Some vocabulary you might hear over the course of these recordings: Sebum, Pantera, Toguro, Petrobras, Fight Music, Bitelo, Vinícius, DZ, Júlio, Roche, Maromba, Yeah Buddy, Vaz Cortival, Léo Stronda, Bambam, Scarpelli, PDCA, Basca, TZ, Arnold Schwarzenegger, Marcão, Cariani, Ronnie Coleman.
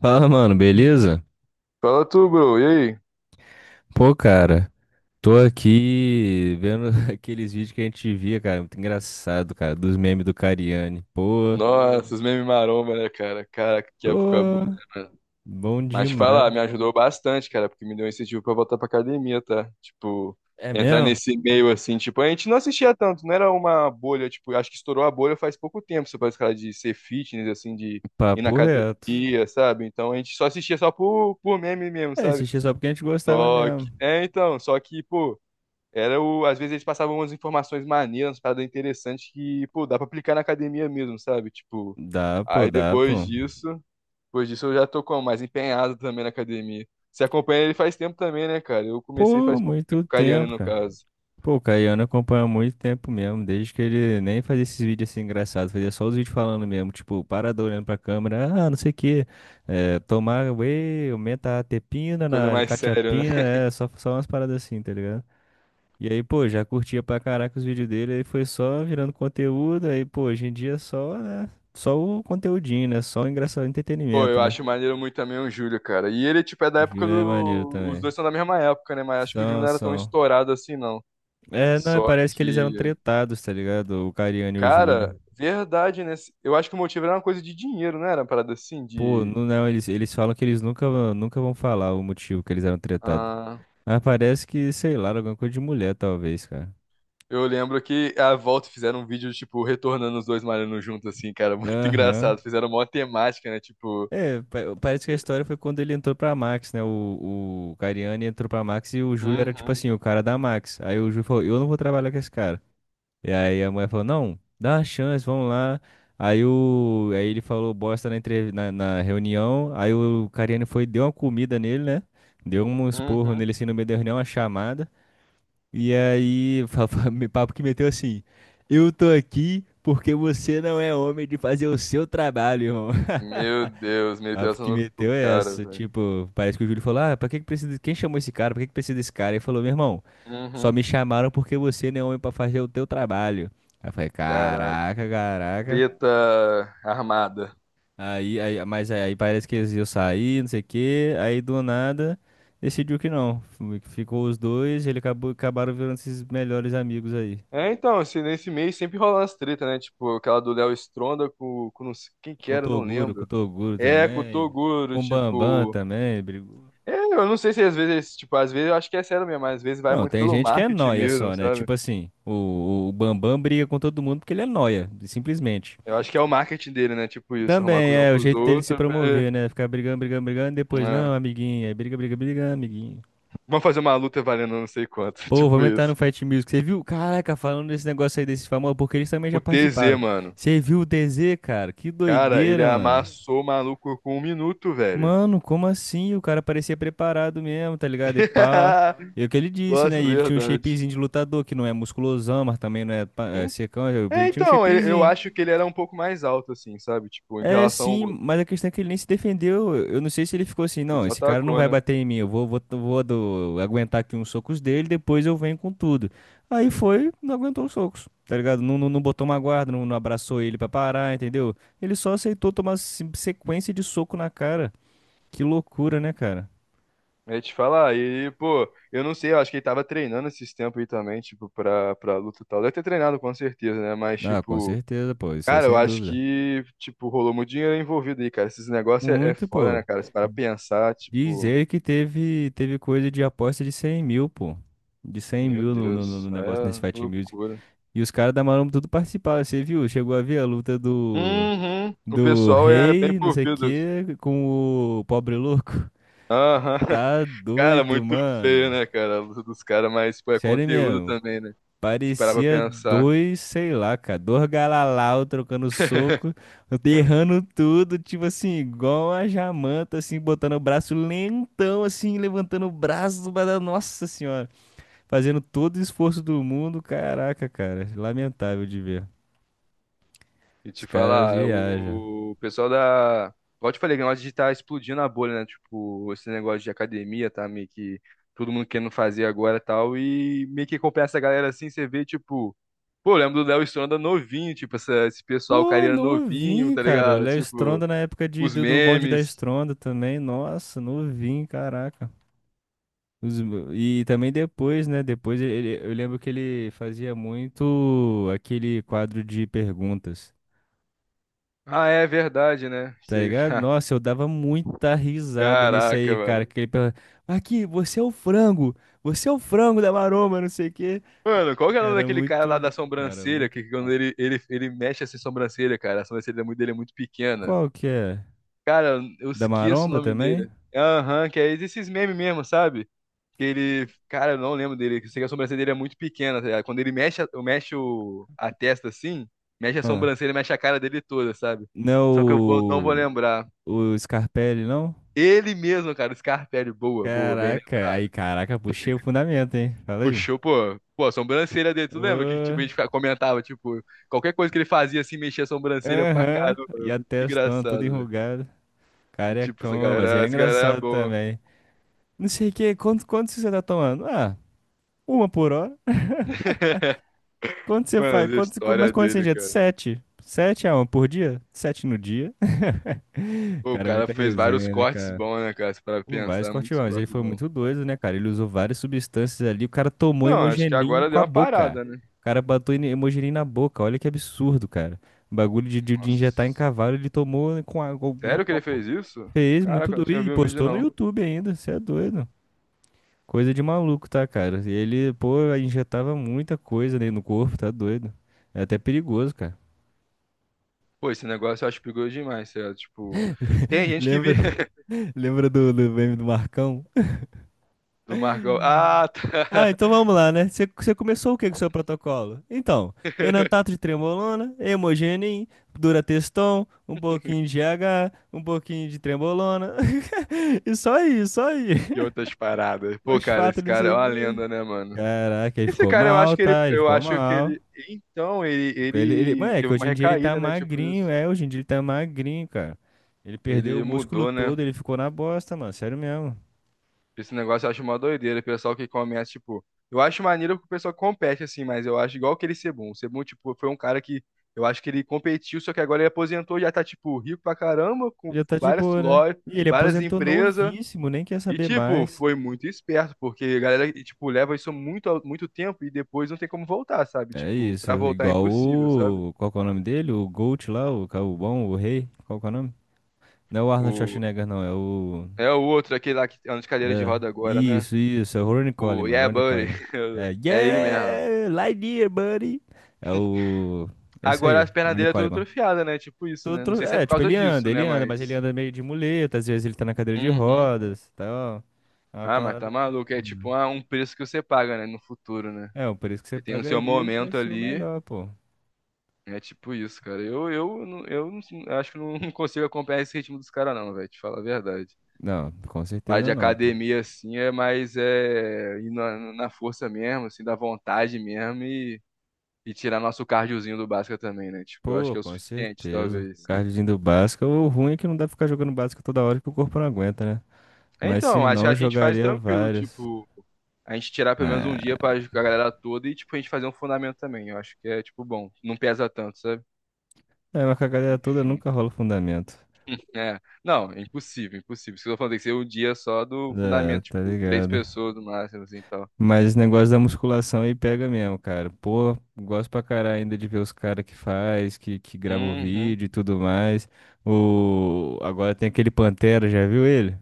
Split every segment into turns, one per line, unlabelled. Fala, mano, beleza?
Fala tu, bro. E aí?
Pô, cara, tô aqui vendo aqueles vídeos que a gente via, cara, muito engraçado, cara, dos memes do Cariani. Pô,
Nossa, os memes maromba, né, cara? Caraca, que época boa,
tô
né, mano?
bom
Mas te
demais.
falar, me ajudou bastante, cara, porque me deu um incentivo pra voltar pra academia, tá? Tipo,
É
entrar
mesmo?
nesse meio assim, tipo, a gente não assistia tanto, não era uma bolha, tipo, acho que estourou a bolha faz pouco tempo, você parece cara de ser fitness, assim, de ir na
Papo reto.
academia, sabe? Então a gente só assistia só por meme mesmo,
É,
sabe?
assistia só porque a gente gostava
Só que,
mesmo.
é, então, só que, pô. Às vezes eles passavam umas informações maneiras, umas paradas interessantes que, pô, dá pra aplicar na academia mesmo, sabe? Tipo,
Dá, pô,
aí
dá, pô.
depois disso eu já tô como mais empenhado também na academia. Você acompanha ele faz tempo também, né, cara? Eu comecei
Pô,
faz pouco tempo,
muito
com o Cariani
tempo,
no
cara.
caso.
Pô, o Caiano acompanha há muito tempo mesmo, desde que ele nem fazia esses vídeos assim engraçados, fazia só os vídeos falando mesmo, tipo, parado olhando pra câmera, ah, não sei o quê, é, tomar whey, aumenta a tepina
Coisa
na
mais séria,
catiapina,
né?
é, só umas paradas assim, tá ligado? E aí, pô, já curtia pra caraca os vídeos dele, aí foi só virando conteúdo, aí, pô, hoje em dia é só, né, só o conteúdinho, né, só o engraçado,
Pô,
entretenimento,
eu
né?
acho maneiro muito também o Júlio, cara. E ele, tipo, é da época
Júlio é maneiro
do. Os
também.
dois são da mesma época, né? Mas acho que o Júlio
São,
não era tão
são.
estourado assim, não.
É, não, é,
Só
parece que eles eram
que.
tretados, tá ligado? O Cariano e o Júlio.
Cara, verdade, né? Eu acho que o motivo era uma coisa de dinheiro, não era uma parada assim,
Pô,
de.
não, não, eles falam que eles nunca, nunca vão falar o motivo que eles eram tretados.
Ah,
Mas parece que, sei lá, era alguma coisa de mulher, talvez, cara.
eu lembro que a volta fizeram um vídeo, tipo, retornando os dois malhando juntos, assim, cara, muito
Aham.
engraçado. Fizeram uma temática, né? Tipo.
É, parece que a história foi quando ele entrou pra Max, né? O Cariani entrou pra Max e o Júlio era, tipo
Uhum,
assim, o cara da Max. Aí o Júlio falou, eu não vou trabalhar com esse cara. E aí a mulher falou, não, dá uma chance, vamos lá. Aí ele falou bosta na, na reunião. Aí o Cariani foi, e deu uma comida nele, né? Deu um esporro
uhum.
nele assim no meio da reunião, uma chamada. E aí, papo que meteu assim: Eu tô aqui porque você não é homem de fazer o seu trabalho, irmão.
Meu Deus,
Papo
meditação
que
no cu,
meteu é
cara,
essa.
velho.
Tipo, parece que o Júlio falou: Ah, pra que que precisa. Quem chamou esse cara? Pra que que precisa desse cara? Ele falou: Meu irmão, só
Uhum.
me chamaram porque você não é homem pra fazer o teu trabalho. Aí eu falei:
Caraca.
Caraca, caraca.
Treta armada.
Aí, parece que eles iam sair, não sei o quê. Aí do nada. Decidiu que não. Ficou os dois, ele acabou, acabaram virando esses melhores amigos aí.
É, então, assim, nesse mês sempre rola as treta né? Tipo, aquela do Léo Stronda com não sei quem que era, não
Com o
lembro.
Toguro
É, com o
também.
Toguro,
Com o Bambam
tipo.
também. Brigou.
É, eu não sei se às vezes, tipo, às vezes eu acho que é sério mesmo, mas às vezes vai
Não,
muito
tem
pelo
gente que é
marketing
nóia
mesmo,
só, né?
sabe?
Tipo assim, o Bambam briga com todo mundo porque ele é nóia, simplesmente.
Eu acho que é o marketing dele, né? Tipo isso, arrumar
Também
cuzão
é o
com os
jeito dele se
outros.
promover, né? Ficar brigando, brigando, brigando, depois, não,
Né?
amiguinho. Aí briga, briga, briga, amiguinho.
Vamos fazer uma luta valendo não sei quanto.
Pô,
Tipo
vou entrar
isso.
no Fight Music. Você viu? Caraca, falando desse negócio aí desse famoso, porque eles também já
O TZ,
participaram.
mano.
Você viu o DZ, cara? Que
Cara, ele
doideira, mano.
amassou o maluco com um minuto, velho.
Mano, como assim? O cara parecia preparado mesmo, tá ligado? E pá. E é o que ele disse, né?
Nossa,
E ele tinha um
verdade.
shapezinho de lutador, que não é musculosão, mas também não é, é
En-
secão. Ele
É,
tinha um
então, eu
shapezinho.
acho que ele era um pouco mais alto, assim, sabe? Tipo, em
É,
relação ao
sim,
outro.
mas a questão é que ele nem se defendeu. Eu não sei se ele ficou assim,
Ele
não,
só
esse cara não
tacou,
vai
né?
bater em mim. Eu vou aguentar aqui uns socos dele, depois eu venho com tudo. Aí foi, não aguentou os socos, tá ligado? Não, não, não botou uma guarda, não, não abraçou ele pra parar, entendeu? Ele só aceitou tomar sequência de soco na cara. Que loucura, né, cara?
É te falar, e, pô, eu não sei, eu acho que ele tava treinando esses tempos aí também, tipo, pra luta e tal. Deve ter treinado com certeza, né? Mas,
Ah, com
tipo.
certeza, pô, isso aí
Cara, eu
sem
acho
dúvida.
que, tipo, rolou muito dinheiro envolvido aí, cara. Esses negócios é, é
Muito,
foda,
pô.
né, cara? Se para pensar,
Diz
tipo,
ele que teve coisa de aposta de 100 mil, pô. De 100
meu
mil no, no, no-
Deus,
no
aí
negócio nesse
é
Fight Music.
loucura.
E os caras da Maromba tudo participaram, você viu? Chegou a ver a luta do,
Uhum, o
do
pessoal é bem
rei, não sei o
envolvido. Fi.
quê, com o pobre louco.
Aham.
Tá
Cara,
doido,
muito feio,
mano.
né, cara? A luta dos caras, mas, pô, é
Sério
conteúdo
mesmo.
também, né? Se parar pra
Parecia
pensar.
dois, sei lá, cara, dois galalau trocando soco, derrando tudo, tipo assim, igual a jamanta, assim, botando o braço lentão, assim, levantando o braço, mas, nossa senhora, fazendo todo o esforço do mundo, caraca, cara, lamentável de ver.
E
Os
te
caras
falar,
viajam.
o pessoal da. Igual eu te falei, o negócio de tá explodindo a bolha, né? Tipo, esse negócio de academia, tá meio que todo mundo querendo fazer agora e tal. E meio que acompanha essa galera assim, você vê, tipo, pô, eu lembro do Léo Stronda novinho, tipo, esse pessoal, o cara
Pô,
era novinho,
novinho,
tá
cara, o
ligado?
Léo
Tipo,
Stronda na época de,
os
do, do bonde da
memes.
Stronda também, nossa, novinho, caraca. Os- E também depois, né? Depois ele, eu lembro que ele fazia muito aquele quadro de perguntas,
Ah, é verdade, né?
tá ligado? Nossa, eu dava muita risada nesse
Caraca,
aí, cara.
mano.
Que ele perguntava, aqui, você é o frango, você é o frango da maromba, não sei o quê.
Mano, qual que é o nome
Cara,
daquele cara lá
muito bom,
da
cara,
sobrancelha?
muito
Que quando
bom.
ele mexe essa sobrancelha, cara, a sobrancelha dele é muito pequena.
Qual que é?
Cara, eu
Da
esqueço o
maromba
nome
também?
dele. Aham, que é esses memes mesmo, sabe? Que ele. Cara, eu não lembro dele. Que eu sei que a sobrancelha dele é muito pequena, tá ligado? Quando ele mexe, a testa assim, mexe a
Ah,
sobrancelha, mexe a cara dele toda, sabe?
não
Só que eu não vou lembrar.
é o Scarpelli, não?
Ele mesmo, cara, o Scarpelli, boa, boa, bem
Caraca, aí,
lembrado.
caraca, puxei o fundamento, hein? Fala aí.
Puxou, pô. Pô, a sobrancelha dele, tu lembra que
Ô.
tipo, a gente comentava, tipo, qualquer coisa que ele fazia assim, mexia a sobrancelha pra
Aham,
caramba.
e
Era
a
muito
testona toda
engraçado, velho.
enrugada.
E tipo,
Carecão, ó, mas ele é
essa galera é
engraçado
boa.
também. Não sei o que, quanto você tá tomando? Ah, uma por hora. Quanto você
Mano,
faz?
as
Quanto, mas
histórias
quanto você
dele,
injeta?
cara.
Sete. Sete a uma por dia? Sete no dia.
Pô, o
Cara, é
cara
muita
fez vários
resenha, né,
cortes
cara?
bons, né, cara? Se parar pra
O Vaz
pensar, muitos
Cortival, mas ele
cortes
foi
bons.
muito doido, né, cara? Ele usou várias substâncias ali. O cara tomou
Então, acho que uhum,
hemogenin
agora
com
deu
a
uma
boca.
parada, né?
O cara botou hemogenin na boca. Olha que absurdo, cara. O bagulho de injetar em
Nossa.
cavalo, ele tomou no
Sério que ele
copo.
fez isso?
Fez muito
Caraca, eu não
doido
tinha
e
visto o vídeo,
postou no
não. Pô,
YouTube ainda, você é doido. Coisa de maluco, tá, cara? E ele, pô, injetava muita coisa ali no corpo, tá doido. É até perigoso, cara.
esse negócio eu acho perigoso demais, sério. Tipo, tem gente que vi
Lembra, lembra do meme do Marcão?
do Marcão. Ah,
Ah,
tá.
então vamos lá, né? Você começou o que com o seu protocolo? Então, enantato de trembolona, hemogenin, durateston, um pouquinho de H, um pouquinho de trembolona. E só aí, só aí.
E outras paradas. Pô, cara,
Fosfato,
esse
não
cara é
sei.
uma lenda, né, mano?
Caraca, ele
Esse
ficou
cara, acho
mal,
que ele,
tá? Ele ficou mal.
então, ele,
Ele,
ele
mano, é que
teve uma
hoje em dia ele tá
recaída, né? Tipo
magrinho,
isso.
hoje em dia ele tá magrinho, cara. Ele perdeu o
Ele
músculo
mudou, né?
todo, ele ficou na bosta, mano, sério mesmo.
Esse negócio eu acho uma doideira. O pessoal que começa, tipo. Eu acho maneiro porque o pessoal compete, assim, mas eu acho igual aquele Sebum. O Sebum, tipo, foi um cara que. Eu acho que ele competiu, só que agora ele aposentou e já tá, tipo, rico pra caramba,
Ele
com
já tá de
várias
boa, né?
lojas,
E ele
várias
aposentou
empresas.
novíssimo, nem quer
E,
saber
tipo,
mais.
foi muito esperto, porque a galera, e, tipo, leva isso muito, muito tempo e depois não tem como voltar, sabe?
É
Tipo, pra
isso,
voltar é
igual
impossível, sabe?
o... Qual que é o nome dele? O Gold lá, o bom, o rei, qual que é o nome? Não é o Arnold
O...
Schwarzenegger, não, é o...
É o outro, aquele lá que anda de cadeira de
É,
roda agora, né?
isso, é o Ronnie
O
Coleman,
Yeah
Ronnie
Buddy.
Coleman. É,
É ele mesmo.
yeah, lie dear buddy. É o, é isso
Agora
aí,
as pernas
Ronnie
dele é tudo
Coleman.
atrofiada, né? Tipo isso, né? Não sei se é
É,
por
tipo,
causa disso, né?
ele anda, mas ele
Mas.
anda meio de muleta, às vezes ele tá na cadeira de
Uhum.
rodas, e tal. É uma
Ah, mas tá
parada meio
maluco. É
assim, né?
tipo ah, um preço que você paga, né? No futuro, né?
É, o preço que você
Você tem o
paga
seu
ali vai
momento
ser o
ali.
melhor, pô.
É tipo isso, cara. Eu acho que não consigo acompanhar esse ritmo dos caras, não, velho. Te falar a verdade.
Não, com
Parte
certeza
de
não, pô.
academia, assim, é mais é, ir na força mesmo, assim, da vontade mesmo e tirar nosso cardiozinho do Basca também, né? Tipo, eu acho
Pô,
que é o
com
suficiente,
certeza.
talvez.
Cardzinho do Basca, o ruim é que não dá pra ficar jogando Basca toda hora que o corpo não aguenta, né?
É,
Mas se
então, acho que
não,
a
eu
gente faz
jogaria
tranquilo,
vários.
tipo, a gente tirar pelo menos um
É.
dia pra a galera toda e, tipo, a gente fazer um fundamento também. Eu acho que é, tipo, bom, não pesa tanto, sabe?
É, mas com a galera toda
Enfim.
nunca rola fundamento.
É, não, é impossível, impossível. Isso que eu tô falando, tem que ser um dia só do
É,
fundamento,
tá
tipo, três
ligado?
pessoas no máximo, assim, e tal.
Mas esse negócio da musculação aí pega mesmo, cara. Pô, gosto pra caralho ainda de ver os caras que faz, que grava o
Uhum.
vídeo e tudo mais. O... Agora tem aquele Pantera, já viu ele?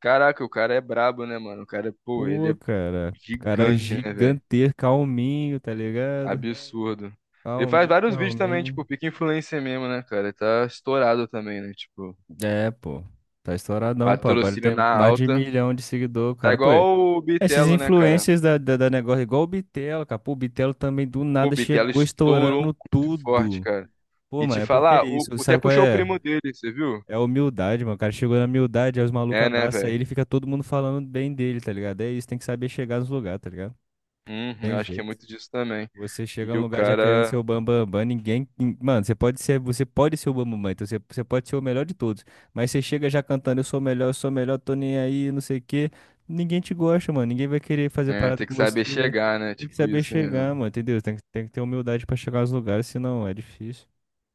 Caraca, o cara é brabo, né, mano? O cara, pô, ele
Pô,
é
cara. Cara
gigante, né, velho?
gigantesco, calminho, tá ligado?
Absurdo. Ele faz
Calminho,
vários vídeos também,
calminho.
tipo, pica influencer mesmo, né, cara? Ele tá estourado também, né? Tipo,
É, pô. Tá estouradão, pô. Agora ele
patrocínio
tem
na
mais de um
alta.
milhão de seguidor,
Tá
cara. Pô,
igual o
esses
Bitelo, né, cara?
influencers da negócio, igual o Bitelo, capô, o Bitelo também do
Pô, o
nada
Bitelo
chegou
estourou
estourando
muito forte,
tudo.
cara.
Pô,
E
mano,
te
é porque é
falar,
isso,
até
sabe qual
puxou o
é?
primo dele, você viu?
É a humildade, mano. O cara chegou na humildade, aí os malucos
É, né,
abraçam
velho?
ele e fica todo mundo falando bem dele, tá ligado? É isso, tem que saber chegar nos lugares, tá ligado?
Uhum,
Tem
eu acho que é
jeito.
muito disso também.
Você chega
E
num
o
lugar já querendo
cara
ser o bambambam, bam, bam, bam, ninguém. Mano, você pode ser o bambambam, bam, bam, então você pode ser o melhor de todos. Mas você chega já cantando, eu sou o melhor, eu sou o melhor, tô nem aí, não sei o quê. Ninguém te gosta, mano. Ninguém vai querer fazer
é,
parada
tem
com
que saber
você.
chegar, né?
Tem que
Tipo
saber
isso. Né?
chegar, mano, entendeu? Tem que ter humildade pra chegar aos lugares, senão é difícil.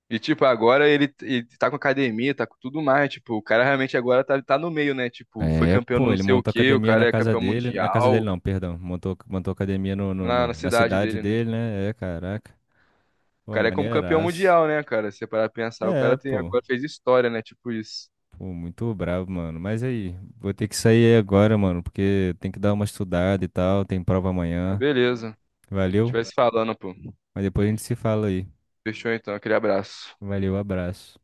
E tipo, agora ele tá com academia, tá com tudo mais. Tipo, o cara realmente agora tá no meio, né? Tipo, foi
É,
campeão do
pô,
não
ele
sei o
montou
quê, o
academia na
cara é
casa
campeão
dele. Na casa dele,
mundial
não, perdão. Montou academia no, no-
lá na
no- na
cidade
cidade
dele, né?
dele, né? É, caraca.
O
Pô,
cara é como campeão
maneiraço.
mundial, né, cara? Se você parar pra pensar, o cara
É,
tem
pô.
agora fez história, né? Tipo isso.
Pô, muito bravo, mano. Mas aí, vou ter que sair agora, mano, porque tem que dar uma estudada e tal, tem prova
Ah,
amanhã.
beleza.
Valeu?
Tivesse falando, pô.
Mas depois a gente se fala aí.
Fechou então, aquele abraço.
Valeu, abraço.